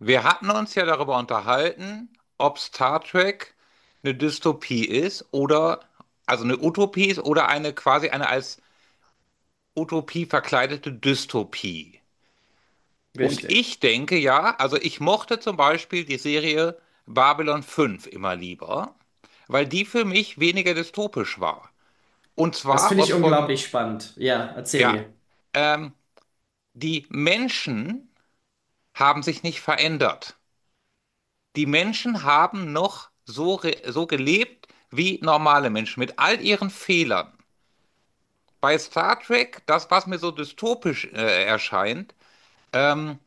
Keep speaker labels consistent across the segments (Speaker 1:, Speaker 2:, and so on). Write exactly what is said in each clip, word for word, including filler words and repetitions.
Speaker 1: Wir hatten uns ja darüber unterhalten, ob Star Trek eine Dystopie ist oder, also eine Utopie ist oder eine quasi eine als Utopie verkleidete Dystopie. Und
Speaker 2: Richtig.
Speaker 1: ich denke ja, also ich mochte zum Beispiel die Serie Babylon fünf immer lieber, weil die für mich weniger dystopisch war. Und
Speaker 2: Das
Speaker 1: zwar
Speaker 2: finde
Speaker 1: aus
Speaker 2: ich
Speaker 1: folgendem,
Speaker 2: unglaublich spannend. Ja, erzähl
Speaker 1: ja,
Speaker 2: mir.
Speaker 1: ähm, die Menschen haben sich nicht verändert. Die Menschen haben noch so, re- so gelebt wie normale Menschen, mit all ihren Fehlern. Bei Star Trek, das, was mir so dystopisch äh, erscheint, ähm,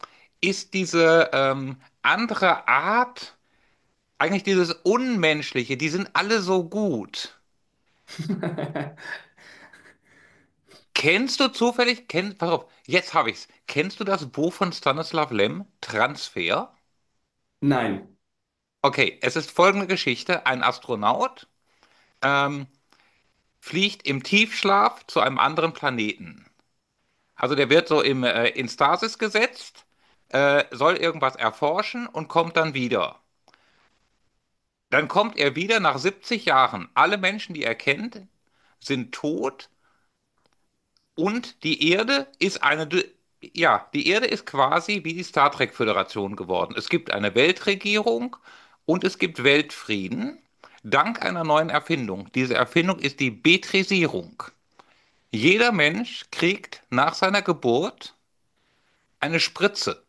Speaker 1: ist diese ähm, andere Art, eigentlich dieses Unmenschliche, die sind alle so gut. Kennst du zufällig, kenn, pass auf, jetzt habe ich's. Kennst du das Buch von Stanislav Lem, Transfer?
Speaker 2: Nein.
Speaker 1: Okay, es ist folgende Geschichte. Ein Astronaut ähm, fliegt im Tiefschlaf zu einem anderen Planeten. Also der wird so im, äh, in Stasis gesetzt, äh, soll irgendwas erforschen und kommt dann wieder. Dann kommt er wieder nach siebzig Jahren. Alle Menschen, die er kennt, sind tot und die Erde ist eine, ja, die Erde ist quasi wie die Star Trek Föderation geworden. Es gibt eine Weltregierung und es gibt Weltfrieden dank einer neuen Erfindung. Diese Erfindung ist die Betrisierung. Jeder Mensch kriegt nach seiner Geburt eine Spritze.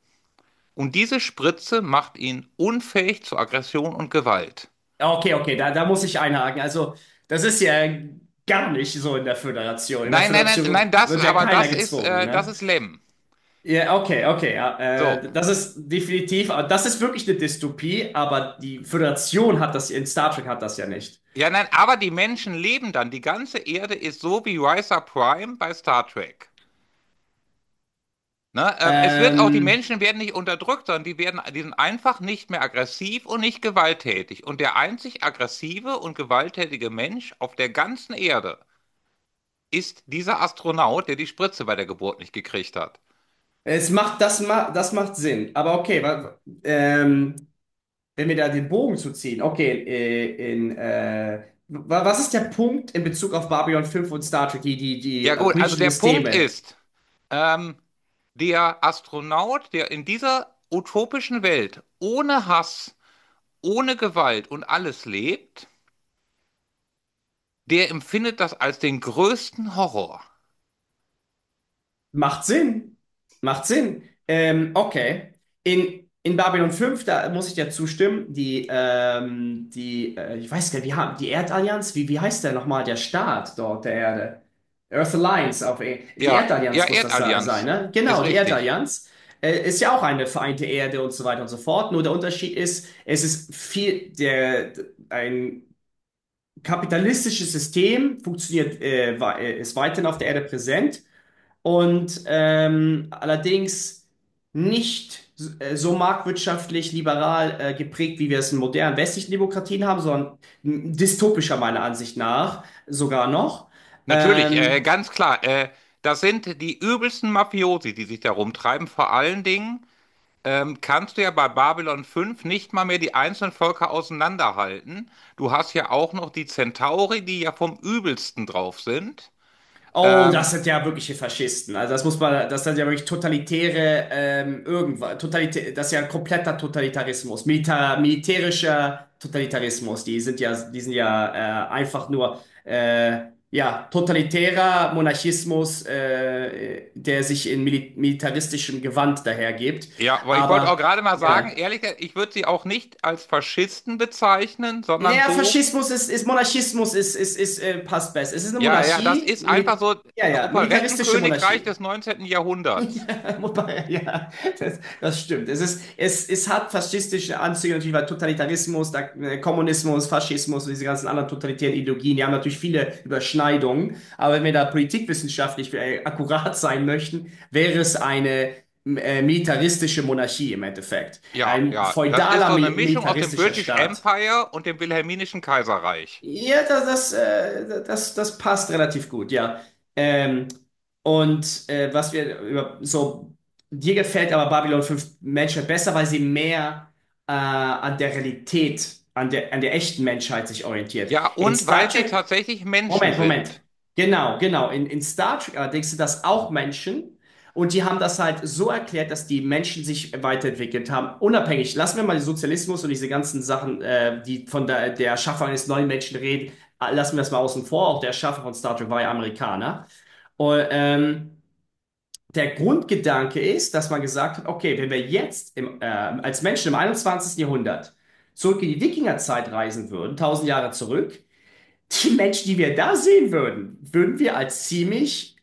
Speaker 1: Und diese Spritze macht ihn unfähig zu Aggression und Gewalt.
Speaker 2: Okay, okay, da, da muss ich einhaken. Also, das ist ja gar nicht so in der Föderation. In der
Speaker 1: Nein, nein, nein, nein,
Speaker 2: Föderation
Speaker 1: das,
Speaker 2: wird ja
Speaker 1: aber
Speaker 2: keiner
Speaker 1: das ist,
Speaker 2: gezwungen,
Speaker 1: äh, das
Speaker 2: ne?
Speaker 1: ist Lem.
Speaker 2: Ja, okay, okay. Ja,
Speaker 1: So.
Speaker 2: äh, das ist definitiv, aber das ist wirklich eine Dystopie, aber die Föderation hat das, in Star Trek hat das ja nicht.
Speaker 1: Ja, nein, aber die Menschen leben dann. Die ganze Erde ist so wie Risa Prime bei Star Trek. Ne? Äh, es wird auch, die
Speaker 2: Ähm,
Speaker 1: Menschen werden nicht unterdrückt, sondern die werden, die sind einfach nicht mehr aggressiv und nicht gewalttätig. Und der einzig aggressive und gewalttätige Mensch auf der ganzen Erde ist dieser Astronaut, der die Spritze bei der Geburt nicht gekriegt hat.
Speaker 2: Es macht, das, ma das macht Sinn. Aber okay, wa- ähm, wenn wir da den Bogen zu ziehen, okay, äh, in, äh, wa- was ist der Punkt in Bezug auf Babylon fünf und Star Trek, die, die, die
Speaker 1: Ja
Speaker 2: äh,
Speaker 1: gut, also
Speaker 2: politischen
Speaker 1: der Punkt
Speaker 2: Systeme?
Speaker 1: ist, ähm, der Astronaut, der in dieser utopischen Welt ohne Hass, ohne Gewalt und alles lebt, der empfindet das als den größten Horror.
Speaker 2: Macht Sinn. Macht Sinn. Ähm, okay. In, in Babylon fünf da muss ich dir zustimmen, die, ähm, die, äh, ich weiß gar nicht, wie, ha- die Erdallianz, wie, wie heißt der nochmal, der Staat dort der Erde? Earth Alliance, auf, E- die
Speaker 1: Ja, ja,
Speaker 2: Erdallianz muss das se- sein,
Speaker 1: Erdallianz
Speaker 2: ne?
Speaker 1: ist
Speaker 2: Genau, die
Speaker 1: richtig.
Speaker 2: Erdallianz. Äh, ist ja auch eine vereinte Erde und so weiter und so fort. Nur der Unterschied ist, es ist viel, der, ein kapitalistisches System funktioniert, äh, wa- äh, ist weiterhin auf der Erde präsent und ähm, allerdings nicht s- äh, so marktwirtschaftlich liberal äh, geprägt, wie wir es in modernen westlichen Demokratien haben, sondern m- dystopischer meiner Ansicht nach sogar noch.
Speaker 1: Natürlich, äh,
Speaker 2: Ähm,
Speaker 1: ganz klar. Äh, das sind die übelsten Mafiosi, die sich da rumtreiben. Vor allen Dingen ähm, kannst du ja bei Babylon fünf nicht mal mehr die einzelnen Völker auseinanderhalten. Du hast ja auch noch die Centauri, die ja vom Übelsten drauf sind.
Speaker 2: Oh, das
Speaker 1: Ähm,
Speaker 2: sind ja wirkliche Faschisten. Also das muss man, das sind ja wirklich totalitäre, ähm, irgendwas, totalitä das ist ja ein kompletter Totalitarismus, Milita militärischer Totalitarismus. Die sind ja, die sind ja äh, einfach nur, äh, ja, totalitärer Monarchismus, äh, der sich in mili militaristischem Gewand dahergibt.
Speaker 1: ja, aber ich wollte auch
Speaker 2: Aber
Speaker 1: gerade mal sagen,
Speaker 2: ja.
Speaker 1: ehrlich, ich würde sie auch nicht als Faschisten bezeichnen, sondern
Speaker 2: Naja,
Speaker 1: so,
Speaker 2: Faschismus ist, ist Monarchismus ist, ist, ist, äh, passt besser. Es ist eine
Speaker 1: ja, ja, das
Speaker 2: Monarchie,
Speaker 1: ist einfach
Speaker 2: Mil
Speaker 1: so
Speaker 2: ja,
Speaker 1: ein
Speaker 2: ja, militaristische
Speaker 1: Operettenkönigreich
Speaker 2: Monarchie.
Speaker 1: des neunzehnten. Jahrhunderts.
Speaker 2: Ja, wobei, ja, das, das stimmt. Es ist, es, es hat faschistische Anzüge natürlich, weil Totalitarismus, da, äh, Kommunismus, Faschismus und diese ganzen anderen totalitären Ideologien, die haben natürlich viele Überschneidungen. Aber wenn wir da politikwissenschaftlich äh, akkurat sein möchten, wäre es eine äh, militaristische Monarchie im Endeffekt.
Speaker 1: Ja,
Speaker 2: Ein
Speaker 1: ja, das ist
Speaker 2: feudaler
Speaker 1: so eine
Speaker 2: mil
Speaker 1: Mischung aus dem
Speaker 2: militaristischer
Speaker 1: British
Speaker 2: Staat.
Speaker 1: Empire und dem Wilhelminischen Kaiserreich.
Speaker 2: Ja, das, das, äh, das, das passt relativ gut, ja. Ähm, und äh, was wir über so, dir gefällt aber Babylon fünf Menschheit besser, weil sie mehr äh, an der Realität, an der, an der echten Menschheit sich orientiert.
Speaker 1: Ja,
Speaker 2: In
Speaker 1: und
Speaker 2: Star
Speaker 1: weil sie
Speaker 2: Trek
Speaker 1: tatsächlich Menschen
Speaker 2: Moment, Moment.
Speaker 1: sind.
Speaker 2: Genau, genau. In, in Star Trek allerdings sind das auch Menschen und die haben das halt so erklärt, dass die Menschen sich weiterentwickelt haben. Unabhängig, lassen wir mal den Sozialismus und diese ganzen Sachen, äh, die von der, der Erschaffung eines neuen Menschen reden, äh, lassen wir das mal außen vor. Auch der Erschaffer von Star Trek war ja Amerikaner. Und, ähm, der Grundgedanke ist, dass man gesagt hat, okay, wenn wir jetzt im, äh, als Menschen im einundzwanzigsten Jahrhundert zurück in die Wikingerzeit reisen würden, tausend Jahre zurück, die Menschen, die wir da sehen würden, würden wir als ziemlich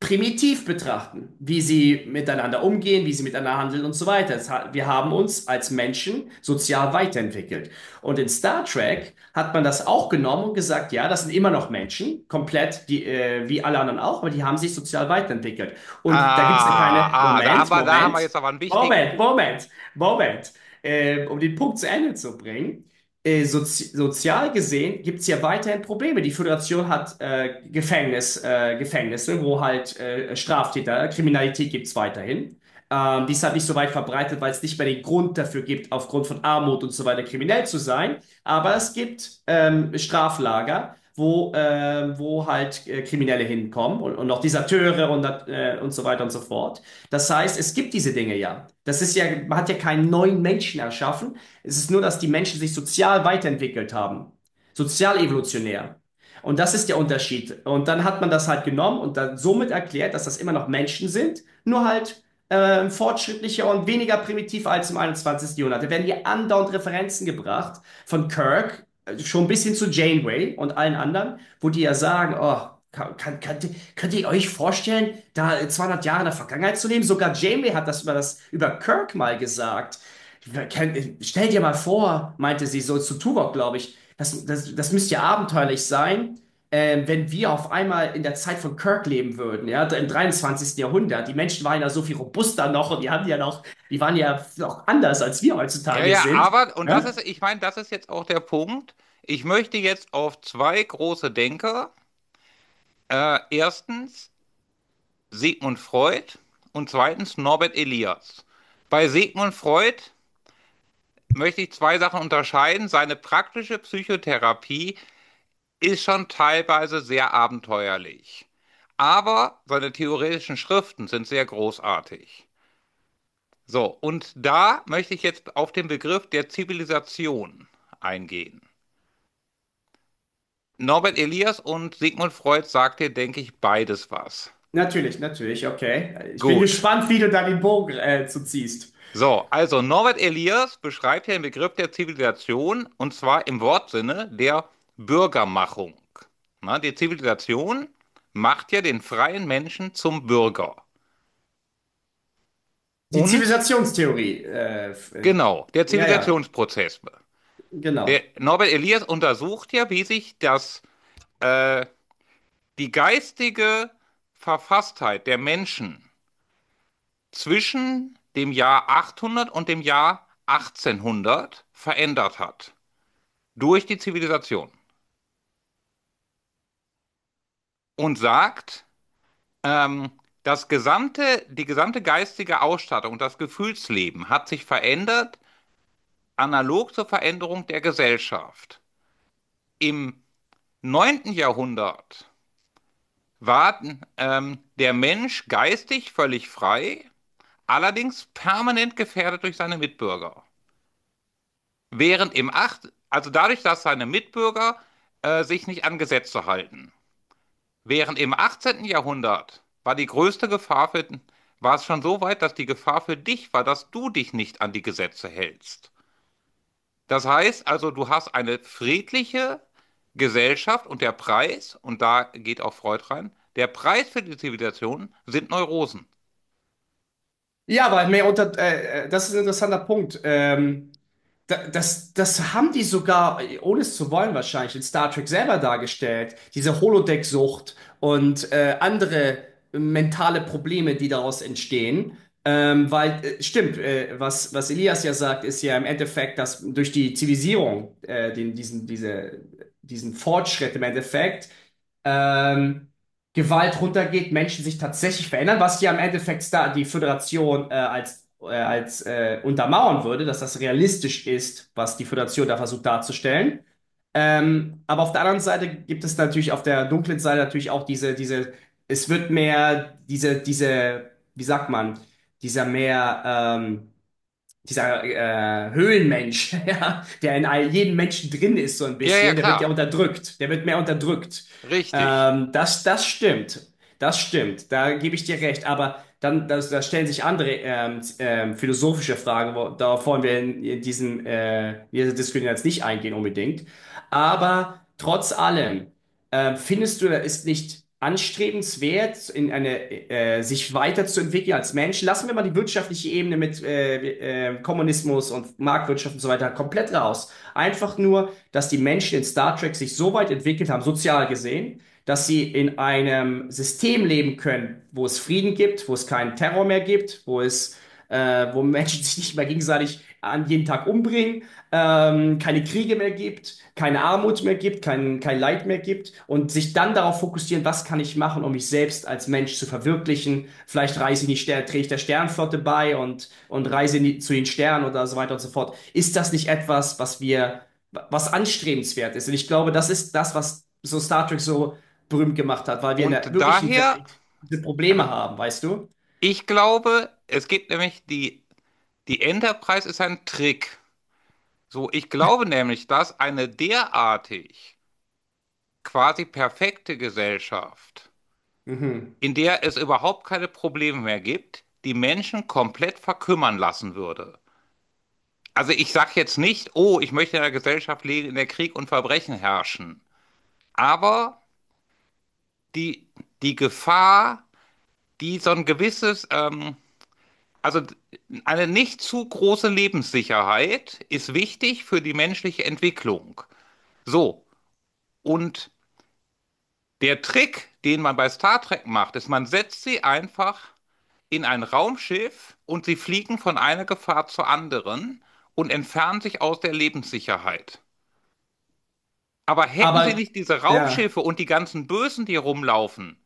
Speaker 2: primitiv betrachten, wie sie miteinander umgehen, wie sie miteinander handeln und so weiter. Es hat- Wir haben uns als Menschen sozial weiterentwickelt. Und in Star Trek hat man das auch genommen und gesagt, ja, das sind immer noch Menschen, komplett die, äh, wie alle anderen auch, aber die haben sich sozial weiterentwickelt. Und da gibt es ja
Speaker 1: Ah,
Speaker 2: keine,
Speaker 1: ah, da haben
Speaker 2: Moment,
Speaker 1: wir, da haben wir
Speaker 2: Moment,
Speaker 1: jetzt aber einen wichtigen
Speaker 2: Moment,
Speaker 1: Punkt.
Speaker 2: Moment, Moment, äh, um den Punkt zu Ende zu bringen äh, sozi sozial gesehen gibt es ja weiterhin Probleme. Die Föderation hat äh, Gefängnis, äh, Gefängnisse, wo halt äh, Straftäter, Kriminalität gibt es weiterhin. Ähm, die ist halt nicht so weit verbreitet, weil es nicht mehr den Grund dafür gibt, aufgrund von Armut und so weiter kriminell zu sein. Aber es gibt ähm, Straflager, wo, ähm, wo halt äh, Kriminelle hinkommen und, und auch Deserteure und, dat- äh, und so weiter und so fort. Das heißt, es gibt diese Dinge ja. Das ist ja, man hat ja keinen neuen Menschen erschaffen, es ist nur, dass die Menschen sich sozial weiterentwickelt haben. Sozial evolutionär. Und das ist der Unterschied. Und dann hat man das halt genommen und dann somit erklärt, dass das immer noch Menschen sind, nur halt ähm, fortschrittlicher und weniger primitiv als im einundzwanzigsten. Jahrhundert. Da werden hier andauernd Referenzen gebracht von Kirk, äh, schon ein bisschen zu Janeway und allen anderen, wo die ja sagen, oh, kann, kann, könnt, könnt ihr euch vorstellen, da zweihundert Jahre in der Vergangenheit zu leben? Sogar Janeway hat das über, das über Kirk mal gesagt. Wer kennt- Stell dir mal vor, meinte sie so zu Tuvok, glaube ich, das, das, das müsste ja abenteuerlich sein, ähm, wenn wir auf einmal in der Zeit von Kirk leben würden, ja, im dreiundzwanzigsten Jahrhundert. Die Menschen waren ja so viel robuster noch und die haben ja noch, die waren ja noch anders, als wir
Speaker 1: Ja,
Speaker 2: heutzutage
Speaker 1: ja,
Speaker 2: sind.
Speaker 1: aber, und das
Speaker 2: Ne?
Speaker 1: ist, ich meine, das ist jetzt auch der Punkt. Ich möchte jetzt auf zwei große Denker. Äh, erstens Sigmund Freud und zweitens Norbert Elias. Bei Sigmund Freud möchte ich zwei Sachen unterscheiden. Seine praktische Psychotherapie ist schon teilweise sehr abenteuerlich, aber seine theoretischen Schriften sind sehr großartig. So, und da möchte ich jetzt auf den Begriff der Zivilisation eingehen. Norbert Elias und Sigmund Freud sagte, denke ich, beides was.
Speaker 2: Natürlich, natürlich, okay. Ich bin
Speaker 1: Gut.
Speaker 2: gespannt, wie du da den Bogen äh, zu ziehst.
Speaker 1: So, also Norbert Elias beschreibt ja den Begriff der Zivilisation und zwar im Wortsinne der Bürgermachung. Na, die Zivilisation macht ja den freien Menschen zum Bürger.
Speaker 2: Die
Speaker 1: Und
Speaker 2: Zivilisationstheorie. Äh, f- äh,
Speaker 1: genau, der
Speaker 2: ja, ja,
Speaker 1: Zivilisationsprozess. Der
Speaker 2: genau.
Speaker 1: Norbert Elias untersucht ja, wie sich das die geistige Verfasstheit der Menschen zwischen dem Jahr achthundert und dem Jahr achtzehnhundert verändert hat durch die Zivilisation und sagt, ähm, das gesamte, die gesamte geistige Ausstattung und das Gefühlsleben hat sich verändert, analog zur Veränderung der Gesellschaft. Im neunten Jahrhundert war ähm, der Mensch geistig völlig frei, allerdings permanent gefährdet durch seine Mitbürger. Während im acht also dadurch, dass seine Mitbürger äh, sich nicht an Gesetze halten. Während im achtzehnten Jahrhundert war die größte Gefahr für, war es schon so weit, dass die Gefahr für dich war, dass du dich nicht an die Gesetze hältst. Das heißt also, du hast eine friedliche Gesellschaft und der Preis, und da geht auch Freud rein, der Preis für die Zivilisation sind Neurosen.
Speaker 2: Ja, aber mehr unter, äh, äh, das ist ein interessanter Punkt. Ähm, Da- Das, das haben die sogar, ohne es zu wollen wahrscheinlich, in Star Trek selber dargestellt. Diese Holodeck-Sucht und äh, andere mentale Probleme, die daraus entstehen. Ähm, weil, äh, stimmt, äh, was, was Elias ja sagt, ist ja im Endeffekt, dass durch die Zivilisierung, äh, den, diesen, diese, diesen Fortschritt im Endeffekt, ähm, Gewalt runtergeht, Menschen sich tatsächlich verändern, was ja im Endeffekt da die Föderation äh, als, äh, als äh, untermauern würde, dass das realistisch ist, was die Föderation da versucht darzustellen. Ähm, aber auf der anderen Seite gibt es natürlich auf der dunklen Seite natürlich auch diese, diese, es wird mehr diese, diese, wie sagt man, dieser mehr ähm, dieser äh, Höhlenmensch, ja, der in all jedem Menschen drin ist, so ein
Speaker 1: Ja, ja,
Speaker 2: bisschen, der wird ja
Speaker 1: klar.
Speaker 2: unterdrückt, der wird mehr unterdrückt.
Speaker 1: Richtig.
Speaker 2: Ähm, das, das stimmt, das stimmt, da gebe ich dir recht, aber dann das, da stellen sich andere ähm, z- ähm, philosophische Fragen, wo, darauf wollen wir in, in diesem, äh, in dieser Diskussion jetzt nicht eingehen unbedingt, aber trotz allem äh, findest du, er ist nicht anstrebenswert, in eine, äh, sich weiterzuentwickeln als Mensch? Lassen wir mal die wirtschaftliche Ebene mit äh, äh, Kommunismus und Marktwirtschaft und so weiter komplett raus. Einfach nur, dass die Menschen in Star Trek sich so weit entwickelt haben, sozial gesehen, dass sie in einem System leben können, wo es Frieden gibt, wo es keinen Terror mehr gibt, wo es äh, wo Menschen sich nicht mehr gegenseitig an jeden Tag umbringen, ähm, keine Kriege mehr gibt, keine Armut mehr gibt, kein, kein Leid mehr gibt und sich dann darauf fokussieren, was kann ich machen, um mich selbst als Mensch zu verwirklichen. Vielleicht reise in die Sterne, trete ich der Sternenflotte bei und, und reise in die, zu den Sternen oder so weiter und so fort. Ist das nicht etwas, was wir, was anstrebenswert ist? Und ich glaube, das ist das, was so Star Trek so berühmt gemacht hat, weil wir in der
Speaker 1: Und
Speaker 2: wirklichen
Speaker 1: daher,
Speaker 2: Welt diese Probleme
Speaker 1: ja,
Speaker 2: haben, weißt du?
Speaker 1: ich glaube, es gibt nämlich die die Enterprise ist ein Trick. So, ich glaube nämlich, dass eine derartig quasi perfekte Gesellschaft,
Speaker 2: Mhm.
Speaker 1: in der es überhaupt keine Probleme mehr gibt, die Menschen komplett verkümmern lassen würde. Also ich sage jetzt nicht, oh, ich möchte in einer Gesellschaft leben, in der Krieg und Verbrechen herrschen. Aber die, die Gefahr, die so ein gewisses, ähm, also eine nicht zu große Lebenssicherheit ist wichtig für die menschliche Entwicklung. So, und der Trick, den man bei Star Trek macht, ist, man setzt sie einfach in ein Raumschiff und sie fliegen von einer Gefahr zur anderen und entfernen sich aus der Lebenssicherheit. Aber hätten sie
Speaker 2: Aber
Speaker 1: nicht diese
Speaker 2: ja,
Speaker 1: Raumschiffe und die ganzen Bösen, die rumlaufen,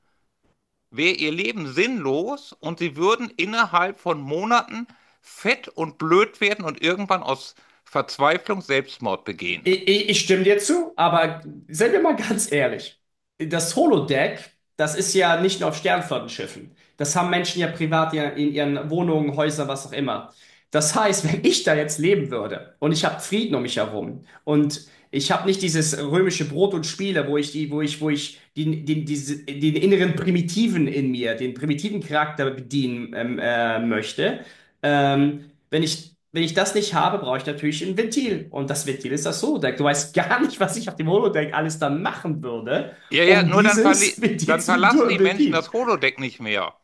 Speaker 1: wäre ihr Leben sinnlos und sie würden innerhalb von Monaten fett und blöd werden und irgendwann aus Verzweiflung Selbstmord begehen.
Speaker 2: ich, ich, ich stimme dir zu, aber seien wir mal ganz ehrlich. Das Holodeck, das ist ja nicht nur auf Sternflottenschiffen. Das haben Menschen ja privat ja in ihren Wohnungen, Häusern, was auch immer. Das heißt, wenn ich da jetzt leben würde und ich habe Frieden um mich herum und ich habe nicht dieses römische Brot und Spiele, wo ich die, wo ich, wo ich den, den, diese, den inneren Primitiven in mir, den primitiven Charakter bedienen ähm, äh, möchte. Ähm, Wenn ich, wenn ich das nicht habe, brauche ich natürlich ein Ventil. Und das Ventil ist das Holodeck. Du weißt gar nicht, was ich auf dem Holodeck alles dann machen würde,
Speaker 1: Ja, ja,
Speaker 2: um
Speaker 1: nur dann,
Speaker 2: dieses
Speaker 1: verli
Speaker 2: Ventil
Speaker 1: dann
Speaker 2: zu
Speaker 1: verlassen die Menschen
Speaker 2: bedienen.
Speaker 1: das Holodeck nicht mehr.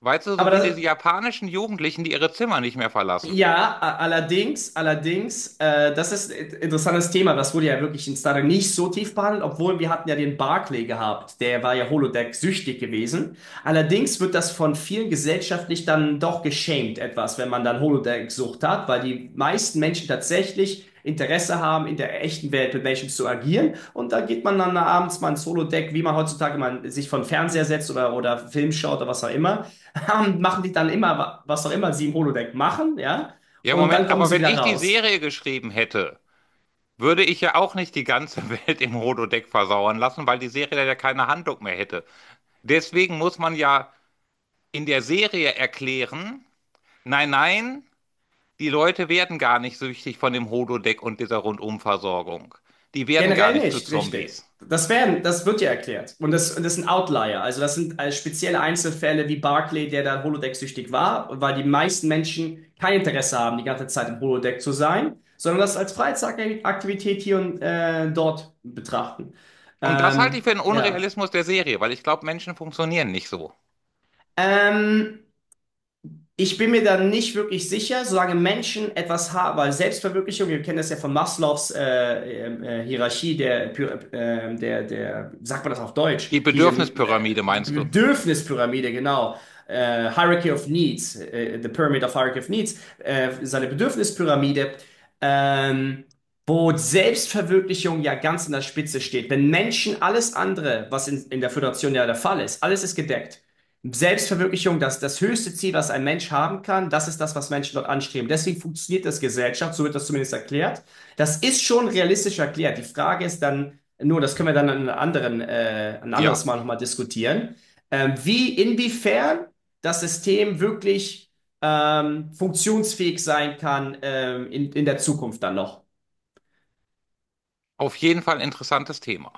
Speaker 1: Weißt du,
Speaker 2: Aber
Speaker 1: so wie diese
Speaker 2: das,
Speaker 1: japanischen Jugendlichen, die ihre Zimmer nicht mehr verlassen.
Speaker 2: Ja, a- allerdings, allerdings, äh, das ist ein interessantes Thema. Das wurde ja wirklich in Star nicht so tief behandelt, obwohl wir hatten ja den Barclay gehabt. Der war ja Holodeck-süchtig gewesen. Allerdings wird das von vielen gesellschaftlich dann doch geschämt etwas, wenn man dann Holodeck-Sucht hat, weil die meisten Menschen tatsächlich Interesse haben, in der echten Welt mit Menschen zu agieren. Und da geht man dann abends mal ins Holodeck, wie man heutzutage man sich von Fernseher setzt oder, oder Film schaut oder was auch immer und machen die dann immer, was auch immer sie im Holodeck machen, ja,
Speaker 1: Ja,
Speaker 2: und dann
Speaker 1: Moment,
Speaker 2: kommen
Speaker 1: aber
Speaker 2: sie
Speaker 1: wenn
Speaker 2: wieder
Speaker 1: ich die
Speaker 2: raus.
Speaker 1: Serie geschrieben hätte, würde ich ja auch nicht die ganze Welt im Holodeck versauern lassen, weil die Serie dann ja keine Handlung mehr hätte. Deswegen muss man ja in der Serie erklären, nein, nein, die Leute werden gar nicht süchtig von dem Holodeck und dieser Rundumversorgung. Die werden gar
Speaker 2: Generell
Speaker 1: nicht zu
Speaker 2: nicht, richtig.
Speaker 1: Zombies.
Speaker 2: Das werden, das wird ja erklärt. Und das, und das sind Outlier. Also das sind äh, spezielle Einzelfälle wie Barclay, der da Holodeck-süchtig war, weil die meisten Menschen kein Interesse haben, die ganze Zeit im Holodeck zu sein, sondern das als Freizeitaktivität hier und äh, dort betrachten.
Speaker 1: Und das halte ich
Speaker 2: Ähm,
Speaker 1: für einen
Speaker 2: ja.
Speaker 1: Unrealismus der Serie, weil ich glaube, Menschen funktionieren nicht so.
Speaker 2: Ähm, ich bin mir da nicht wirklich sicher, solange Menschen etwas haben, weil Selbstverwirklichung, wir kennen das ja von Maslows äh, ähm, äh, Hierarchie, der, Py- ähm, der, der, sagt man das auf Deutsch,
Speaker 1: Die
Speaker 2: diese äh,
Speaker 1: Bedürfnispyramide
Speaker 2: die
Speaker 1: meinst du?
Speaker 2: Bedürfnispyramide, genau, äh, Hierarchy of Needs, äh, the Pyramid of Hierarchy of Needs, äh, seine Bedürfnispyramide, ähm, wo Selbstverwirklichung ja ganz an der Spitze steht. Wenn Menschen alles andere, was in, in der Föderation ja der Fall ist, alles ist gedeckt. Selbstverwirklichung, das, das höchste Ziel, was ein Mensch haben kann, das ist das, was Menschen dort anstreben. Deswegen funktioniert das Gesellschaft, so wird das zumindest erklärt. Das ist schon realistisch erklärt. Die Frage ist dann nur, das können wir dann an einem anderen, äh, ein anderes
Speaker 1: Ja,
Speaker 2: Mal nochmal diskutieren, ähm, wie, inwiefern das System wirklich ähm, funktionsfähig sein kann ähm, in, in der Zukunft dann noch.
Speaker 1: auf jeden Fall ein interessantes Thema.